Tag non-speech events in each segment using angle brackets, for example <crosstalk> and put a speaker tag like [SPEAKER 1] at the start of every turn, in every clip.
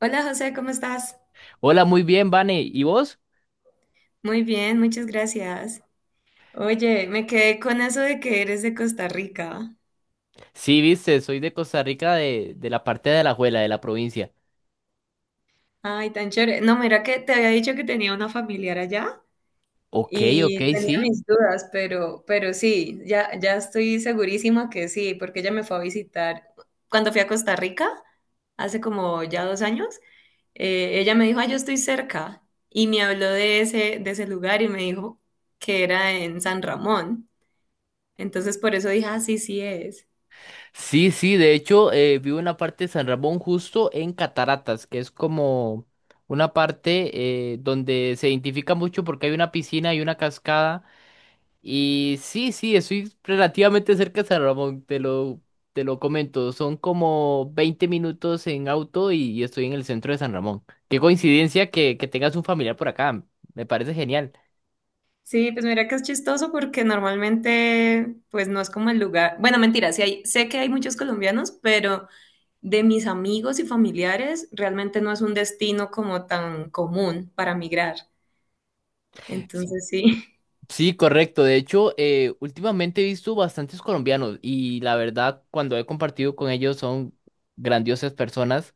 [SPEAKER 1] Hola José, ¿cómo estás?
[SPEAKER 2] Hola, muy bien, Vane. ¿Y vos?
[SPEAKER 1] Muy bien, muchas gracias. Oye, me quedé con eso de que eres de Costa Rica.
[SPEAKER 2] Sí, viste, soy de Costa Rica, de la parte de Alajuela, de la provincia.
[SPEAKER 1] Ay, tan chévere. No, mira que te había dicho que tenía una familiar allá
[SPEAKER 2] Ok, ok,
[SPEAKER 1] y tenía
[SPEAKER 2] sí.
[SPEAKER 1] mis dudas, pero sí, ya estoy segurísima que sí, porque ella me fue a visitar cuando fui a Costa Rica, hace como ya 2 años. Ella me dijo, ah, yo estoy cerca y me habló de ese lugar y me dijo que era en San Ramón. Entonces por eso dije, ah, sí, sí es.
[SPEAKER 2] Sí, sí, de hecho, vivo en la parte de San Ramón, justo en Cataratas, que es como una parte donde se identifica mucho porque hay una piscina y una cascada. Y sí, sí, estoy relativamente cerca de San Ramón, te lo comento. Son como 20 minutos en auto y estoy en el centro de San Ramón. Qué coincidencia que tengas un familiar por acá. Me parece genial.
[SPEAKER 1] Sí, pues mira que es chistoso porque normalmente, pues no es como el lugar. Bueno, mentira, sí hay, sé que hay muchos colombianos, pero de mis amigos y familiares, realmente no es un destino como tan común para migrar.
[SPEAKER 2] S-
[SPEAKER 1] Entonces sí.
[SPEAKER 2] Sí, correcto. De hecho, últimamente he visto bastantes colombianos y la verdad, cuando he compartido con ellos, son grandiosas personas.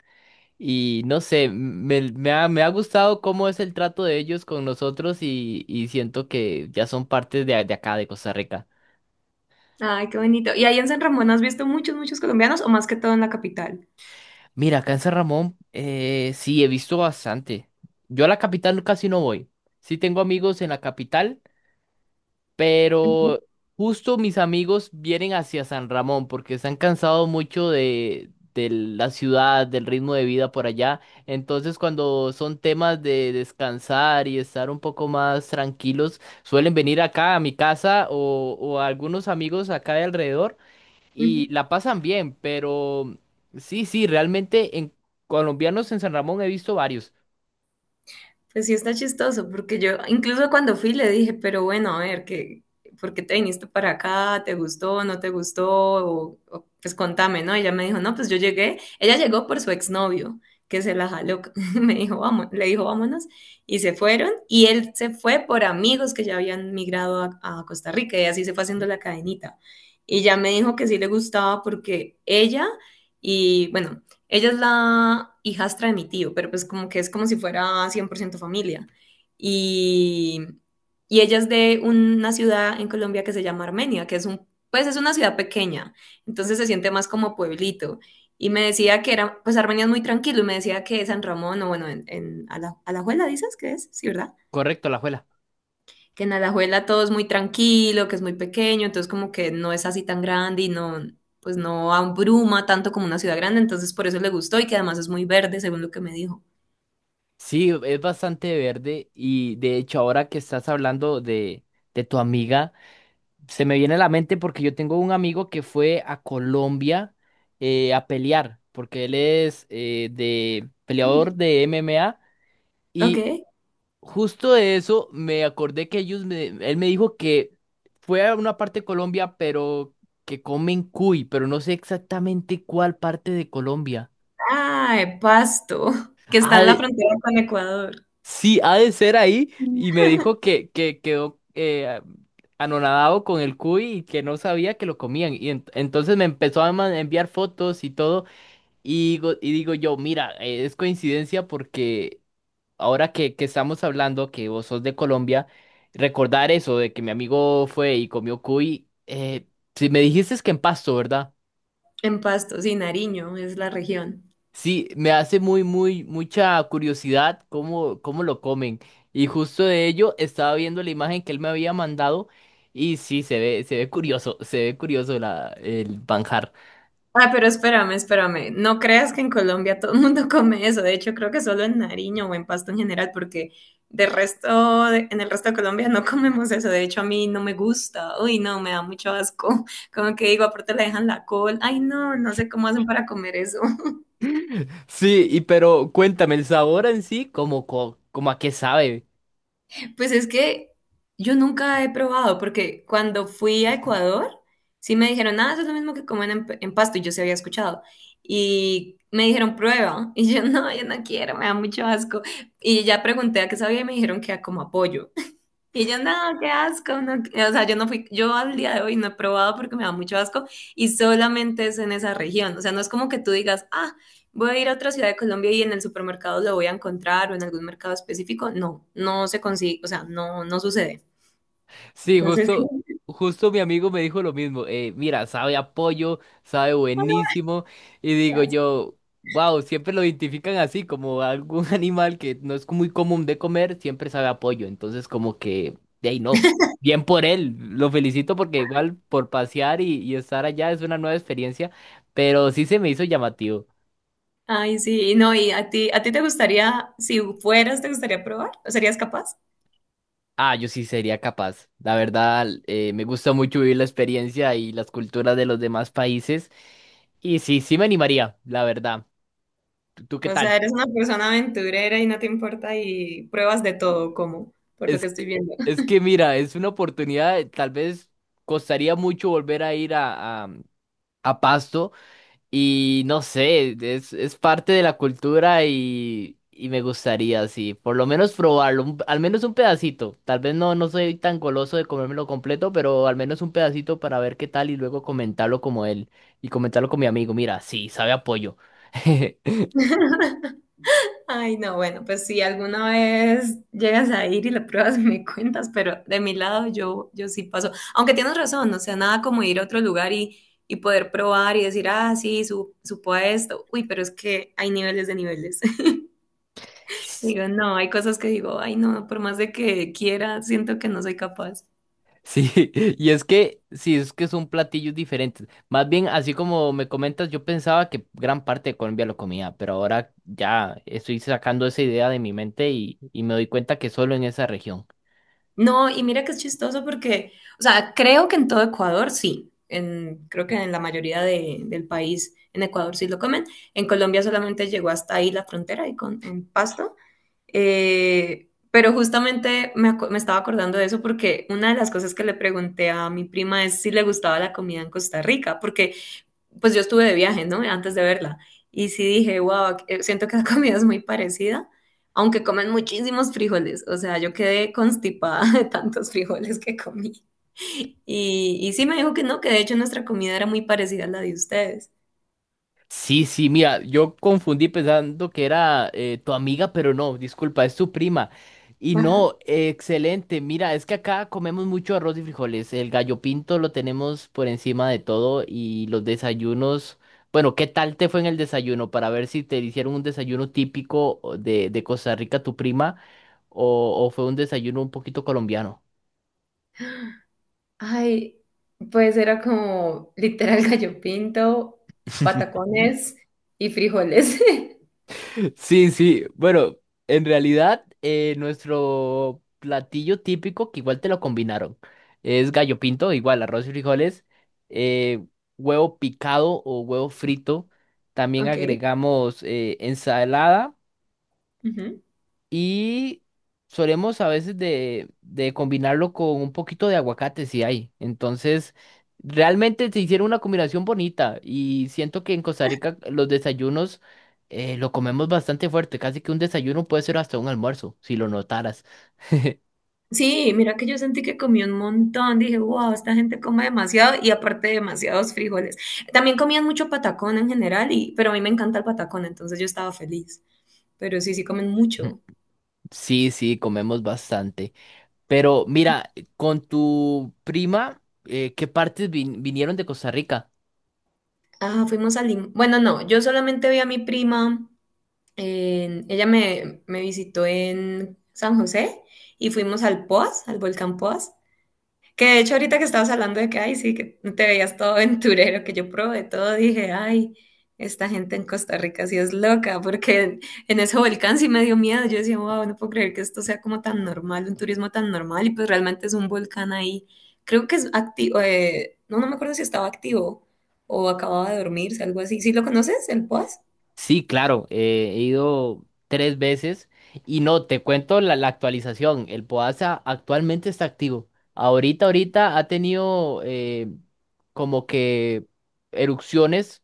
[SPEAKER 2] Y no sé, me ha gustado cómo es el trato de ellos con nosotros y siento que ya son parte de acá, de Costa Rica.
[SPEAKER 1] <laughs> Ay, qué bonito. ¿Y ahí en San Ramón has visto muchos, muchos colombianos o más que todo en la capital?
[SPEAKER 2] Mira, acá en San Ramón, sí, he visto bastante. Yo a la capital casi no voy. Sí tengo amigos en la capital,
[SPEAKER 1] Ujú,
[SPEAKER 2] pero justo mis amigos vienen hacia San Ramón porque se han cansado mucho de la ciudad, del ritmo de vida por allá. Entonces, cuando son temas de descansar y estar un poco más tranquilos, suelen venir acá a mi casa o a algunos amigos acá de alrededor
[SPEAKER 1] ujú.
[SPEAKER 2] y la pasan bien, pero sí, sí, realmente en colombianos en San Ramón he visto varios.
[SPEAKER 1] Pues sí está chistoso, porque yo incluso cuando fui le dije, pero bueno, a ver, ¿qué, por qué te viniste para acá? ¿Te gustó? ¿No te gustó? Pues contame, ¿no? Ella me dijo, no, pues yo llegué, ella llegó por su exnovio, que se la jaló, <laughs> me dijo, vamos, le dijo, vámonos, y se fueron, y él se fue por amigos que ya habían migrado a Costa Rica, y así se fue haciendo la cadenita. Y ya me dijo que sí le gustaba porque ella... Y bueno, ella es la hijastra de mi tío, pero pues como que es como si fuera 100% familia. Y, y ella es de una ciudad en Colombia que se llama Armenia, que es un, pues es una ciudad pequeña, entonces se siente más como pueblito. Y me decía que era, pues Armenia es muy tranquilo, y me decía que San Ramón, o bueno, en Ala- Alajuela, ¿dices que es? Sí, ¿verdad?
[SPEAKER 2] Correcto, la juela.
[SPEAKER 1] Que en Alajuela todo es muy tranquilo, que es muy pequeño, entonces como que no es así tan grande y no, pues no abruma tanto como una ciudad grande, entonces por eso le gustó y que además es muy verde, según lo que me dijo.
[SPEAKER 2] Sí, es bastante verde y de hecho ahora que estás hablando de tu amiga, se me viene a la mente porque yo tengo un amigo que fue a Colombia a pelear, porque él es de peleador de MMA y
[SPEAKER 1] Ok.
[SPEAKER 2] justo de eso me acordé que él me dijo que fue a una parte de Colombia, pero que comen cuy, pero no sé exactamente cuál parte de Colombia.
[SPEAKER 1] Ah, Pasto, que está
[SPEAKER 2] Ha
[SPEAKER 1] en la
[SPEAKER 2] de-
[SPEAKER 1] frontera con Ecuador.
[SPEAKER 2] sí, ha de ser ahí, y me dijo que quedó anonadado con el cuy y que no sabía que lo comían. Y entonces me empezó a enviar fotos y todo, y digo yo, mira, es coincidencia porque ahora que estamos hablando, que vos sos de Colombia, recordar eso de que mi amigo fue y comió cuy, si me dijiste es que en Pasto, ¿verdad?
[SPEAKER 1] En Pasto, sí, Nariño es la región.
[SPEAKER 2] Sí, me hace mucha curiosidad cómo lo comen. Y justo de ello estaba viendo la imagen que él me había mandado y sí, se ve curioso la, el manjar.
[SPEAKER 1] Ah, pero espérame. No creas que en Colombia todo el mundo <laughs> come eso. De hecho, creo que solo en Nariño o en Pasto en general, porque de resto, en el resto de Colombia no <laughs> comemos eso. De hecho, a mí no me gusta. Uy, no, me da mucho asco. <laughs> Como que digo, aparte le dejan la col. Ay, no, no sé cómo hacen para comer eso.
[SPEAKER 2] <laughs> Sí, y pero cuéntame, el sabor en sí, como, como a qué sabe.
[SPEAKER 1] Pues es que yo nunca he probado, porque cuando fui a Ecuador, sí me dijeron, ah, eso es lo mismo que comen en Pasto, y yo sí había escuchado. Y me dijeron, prueba. <laughs> Y yo, no, yo no quiero, me da mucho asco. Y ya pregunté a qué sabía y me dijeron que a como apoyo. Y yo, no, qué asco, no, que-". O sea, yo no fui, yo al día de hoy no he probado porque me da mucho asco y solamente es en esa región, o sea, no es como que tú digas, ah, voy a ir a otra ciudad de Colombia y en el supermercado lo voy a encontrar o en algún mercado específico, no, no se consigue, o sea, no, no sucede.
[SPEAKER 2] Sí,
[SPEAKER 1] Entonces, <laughs> sí.
[SPEAKER 2] justo mi amigo me dijo lo mismo. Mira, sabe a pollo, sabe
[SPEAKER 1] "Ah,
[SPEAKER 2] buenísimo. Y
[SPEAKER 1] qué
[SPEAKER 2] digo
[SPEAKER 1] asco".
[SPEAKER 2] yo, wow, siempre lo identifican así, como algún <laughs> animal que no es muy común de comer, siempre sabe a pollo. Entonces, como que, de ahí no. Bien por él, lo felicito porque igual por pasear y estar allá es una nueva experiencia, pero sí se me hizo llamativo.
[SPEAKER 1] Ay, sí, no, y a ti te gustaría, si fueras, te gustaría probar, ¿o serías capaz?
[SPEAKER 2] Ah, yo sí sería capaz. La verdad, me gusta mucho vivir la experiencia y las culturas de los demás países. Y sí, sí me animaría, la verdad. ¿Tú, tú qué
[SPEAKER 1] O sea,
[SPEAKER 2] tal?
[SPEAKER 1] eres una persona aventurera y no te importa y pruebas de todo, como, por lo
[SPEAKER 2] Es
[SPEAKER 1] que estoy
[SPEAKER 2] que,
[SPEAKER 1] viendo.
[SPEAKER 2] es que mira, es una oportunidad, tal vez costaría mucho volver a ir a Pasto. Y no sé, es parte de la cultura y me gustaría, sí, por lo menos probarlo, al menos un pedacito. Tal vez no, no soy tan goloso de comérmelo completo, pero al menos un pedacito para ver qué tal y luego comentarlo como él y comentarlo con mi amigo. Mira, sí, sabe apoyo. <laughs>
[SPEAKER 1] Ay, no, bueno, pues si alguna vez llegas a ir y la pruebas, <laughs> me cuentas, pero de mi lado yo, yo sí paso. Aunque tienes razón, o sea, nada como ir a otro lugar y poder probar y decir, ah, sí, su, supo a esto. Uy, pero es que hay niveles de niveles. <laughs> Digo, no, hay cosas que digo, ay, no, por más de que quiera, siento que no soy capaz.
[SPEAKER 2] Sí, <laughs> sí, es que son platillos diferentes. Más bien, así como me comentas, yo pensaba que gran parte de Colombia lo comía, pero ahora ya estoy sacando esa idea de mi mente y me doy cuenta que solo en esa región.
[SPEAKER 1] No, y mira que es chistoso porque, o sea, creo que en todo Ecuador sí, en, creo que en la mayoría del país en Ecuador sí lo comen, en Colombia solamente llegó hasta ahí la frontera y con, en Pasto. Pero justamente me, me estaba acordando de eso porque una de las cosas que le pregunté a mi prima es si le gustaba la comida en Costa Rica, porque pues yo estuve de viaje, ¿no? Antes de verla. Y sí dije, wow, siento que la comida es muy parecida, aunque comen muchísimos frijoles. O sea, yo quedé constipada <laughs> de tantos frijoles que comí. Y sí me dijo que no, que de hecho nuestra comida era muy parecida a la de ustedes.
[SPEAKER 2] Sí, sí, mira, yo confundí pensando que era tu amiga, pero no, disculpa, es tu prima. Y
[SPEAKER 1] Ajá.
[SPEAKER 2] no, excelente, mira, es que acá comemos mucho arroz y frijoles, el gallo pinto lo tenemos por encima de todo y los desayunos, bueno, ¿qué tal te fue en el desayuno? Para ver si te hicieron un desayuno típico o de Costa Rica, tu prima, o fue un desayuno un poquito colombiano.
[SPEAKER 1] Ay, pues era como literal gallo pinto,
[SPEAKER 2] <laughs>
[SPEAKER 1] patacones y frijoles. <laughs>
[SPEAKER 2] Sí, sí. Bueno, en realidad, nuestro platillo típico, que igual te lo combinaron, es gallo pinto, igual arroz y frijoles, eh, huevo picado o huevo frito. También
[SPEAKER 1] Ok.
[SPEAKER 2] agregamos ensalada.
[SPEAKER 1] Ujú.
[SPEAKER 2] Y solemos a veces de combinarlo con un poquito de aguacate si hay. Entonces, realmente se hicieron una combinación bonita y siento que en Costa Rica los desayunos lo comemos bastante fuerte. Casi que un desayuno puede ser hasta un almuerzo, si lo notaras. <laughs>
[SPEAKER 1] Sí, mira que yo sentí que comí un montón, dije, wow, esta gente come demasiado y aparte demasiados frijoles. También comían mucho patacón en general, y, pero a mí me encanta el patacón, entonces yo estaba feliz. Pero sí, sí comen mucho.
[SPEAKER 2] Sí, sí, comemos bastante. Pero mira, con tu prima, ¿qué partes vinieron de Costa Rica?
[SPEAKER 1] Ah, fuimos a Lim... Bueno, no, yo solamente vi a mi prima, ella me, me visitó en San José y fuimos al Poas, al volcán Poas. Que de hecho ahorita que estabas hablando de que, ay, sí, que te veías todo aventurero, que yo probé todo, dije, ay, esta gente en Costa Rica sí es loca, porque en ese volcán sí me dio miedo. Yo decía, wow, no puedo creer que esto sea como tan normal, un turismo tan normal, y pues realmente es un volcán ahí. Creo que es activo, no, no me acuerdo si estaba activo o acababa de dormirse, algo así. ¿Sí lo conoces, el Poas?
[SPEAKER 2] Sí, claro, he ido 3 veces y no, te cuento la actualización. El Podaza actualmente está activo. Ahorita ha tenido como que erupciones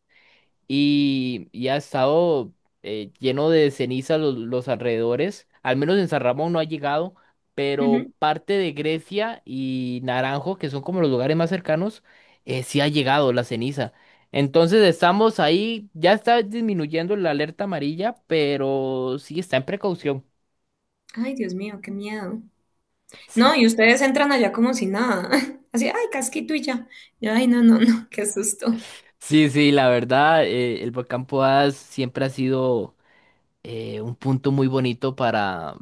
[SPEAKER 2] y ha estado lleno de ceniza los alrededores. Al menos en San Ramón no ha llegado, pero
[SPEAKER 1] Ujú.
[SPEAKER 2] parte de Grecia y Naranjo, que son como los lugares más cercanos, sí ha llegado la ceniza. Entonces estamos ahí, ya está disminuyendo la alerta amarilla, pero sí está en precaución.
[SPEAKER 1] Ay, Dios mío, qué miedo. No,
[SPEAKER 2] Sí,
[SPEAKER 1] y ustedes entran allá como si nada. <laughs> Así, ay, casquito y ya. Yo, ay, no, no, no, qué susto.
[SPEAKER 2] sí, la verdad, el volcán Poás siempre ha sido un punto muy bonito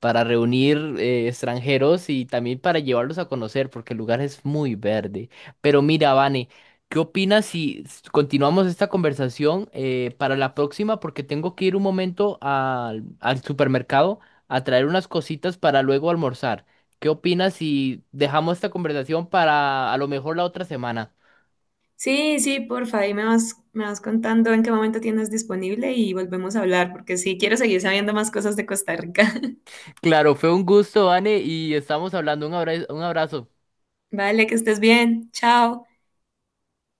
[SPEAKER 2] para reunir extranjeros y también para llevarlos a conocer, porque el lugar es muy verde. Pero mira, Vane, ¿qué opinas si continuamos esta conversación para la próxima? Porque tengo que ir un momento al supermercado a traer unas cositas para luego almorzar. ¿Qué opinas si dejamos esta conversación para a lo mejor la otra semana?
[SPEAKER 1] Sí, sí, porfa, ahí me vas contando en qué momento tienes disponible y volvemos a hablar, porque sí, quiero seguir sabiendo más cosas de Costa Rica. <laughs>
[SPEAKER 2] Claro, fue un gusto, Vane, y estamos hablando. Un abrazo, un abrazo.
[SPEAKER 1] Vale, que estés bien. Chao.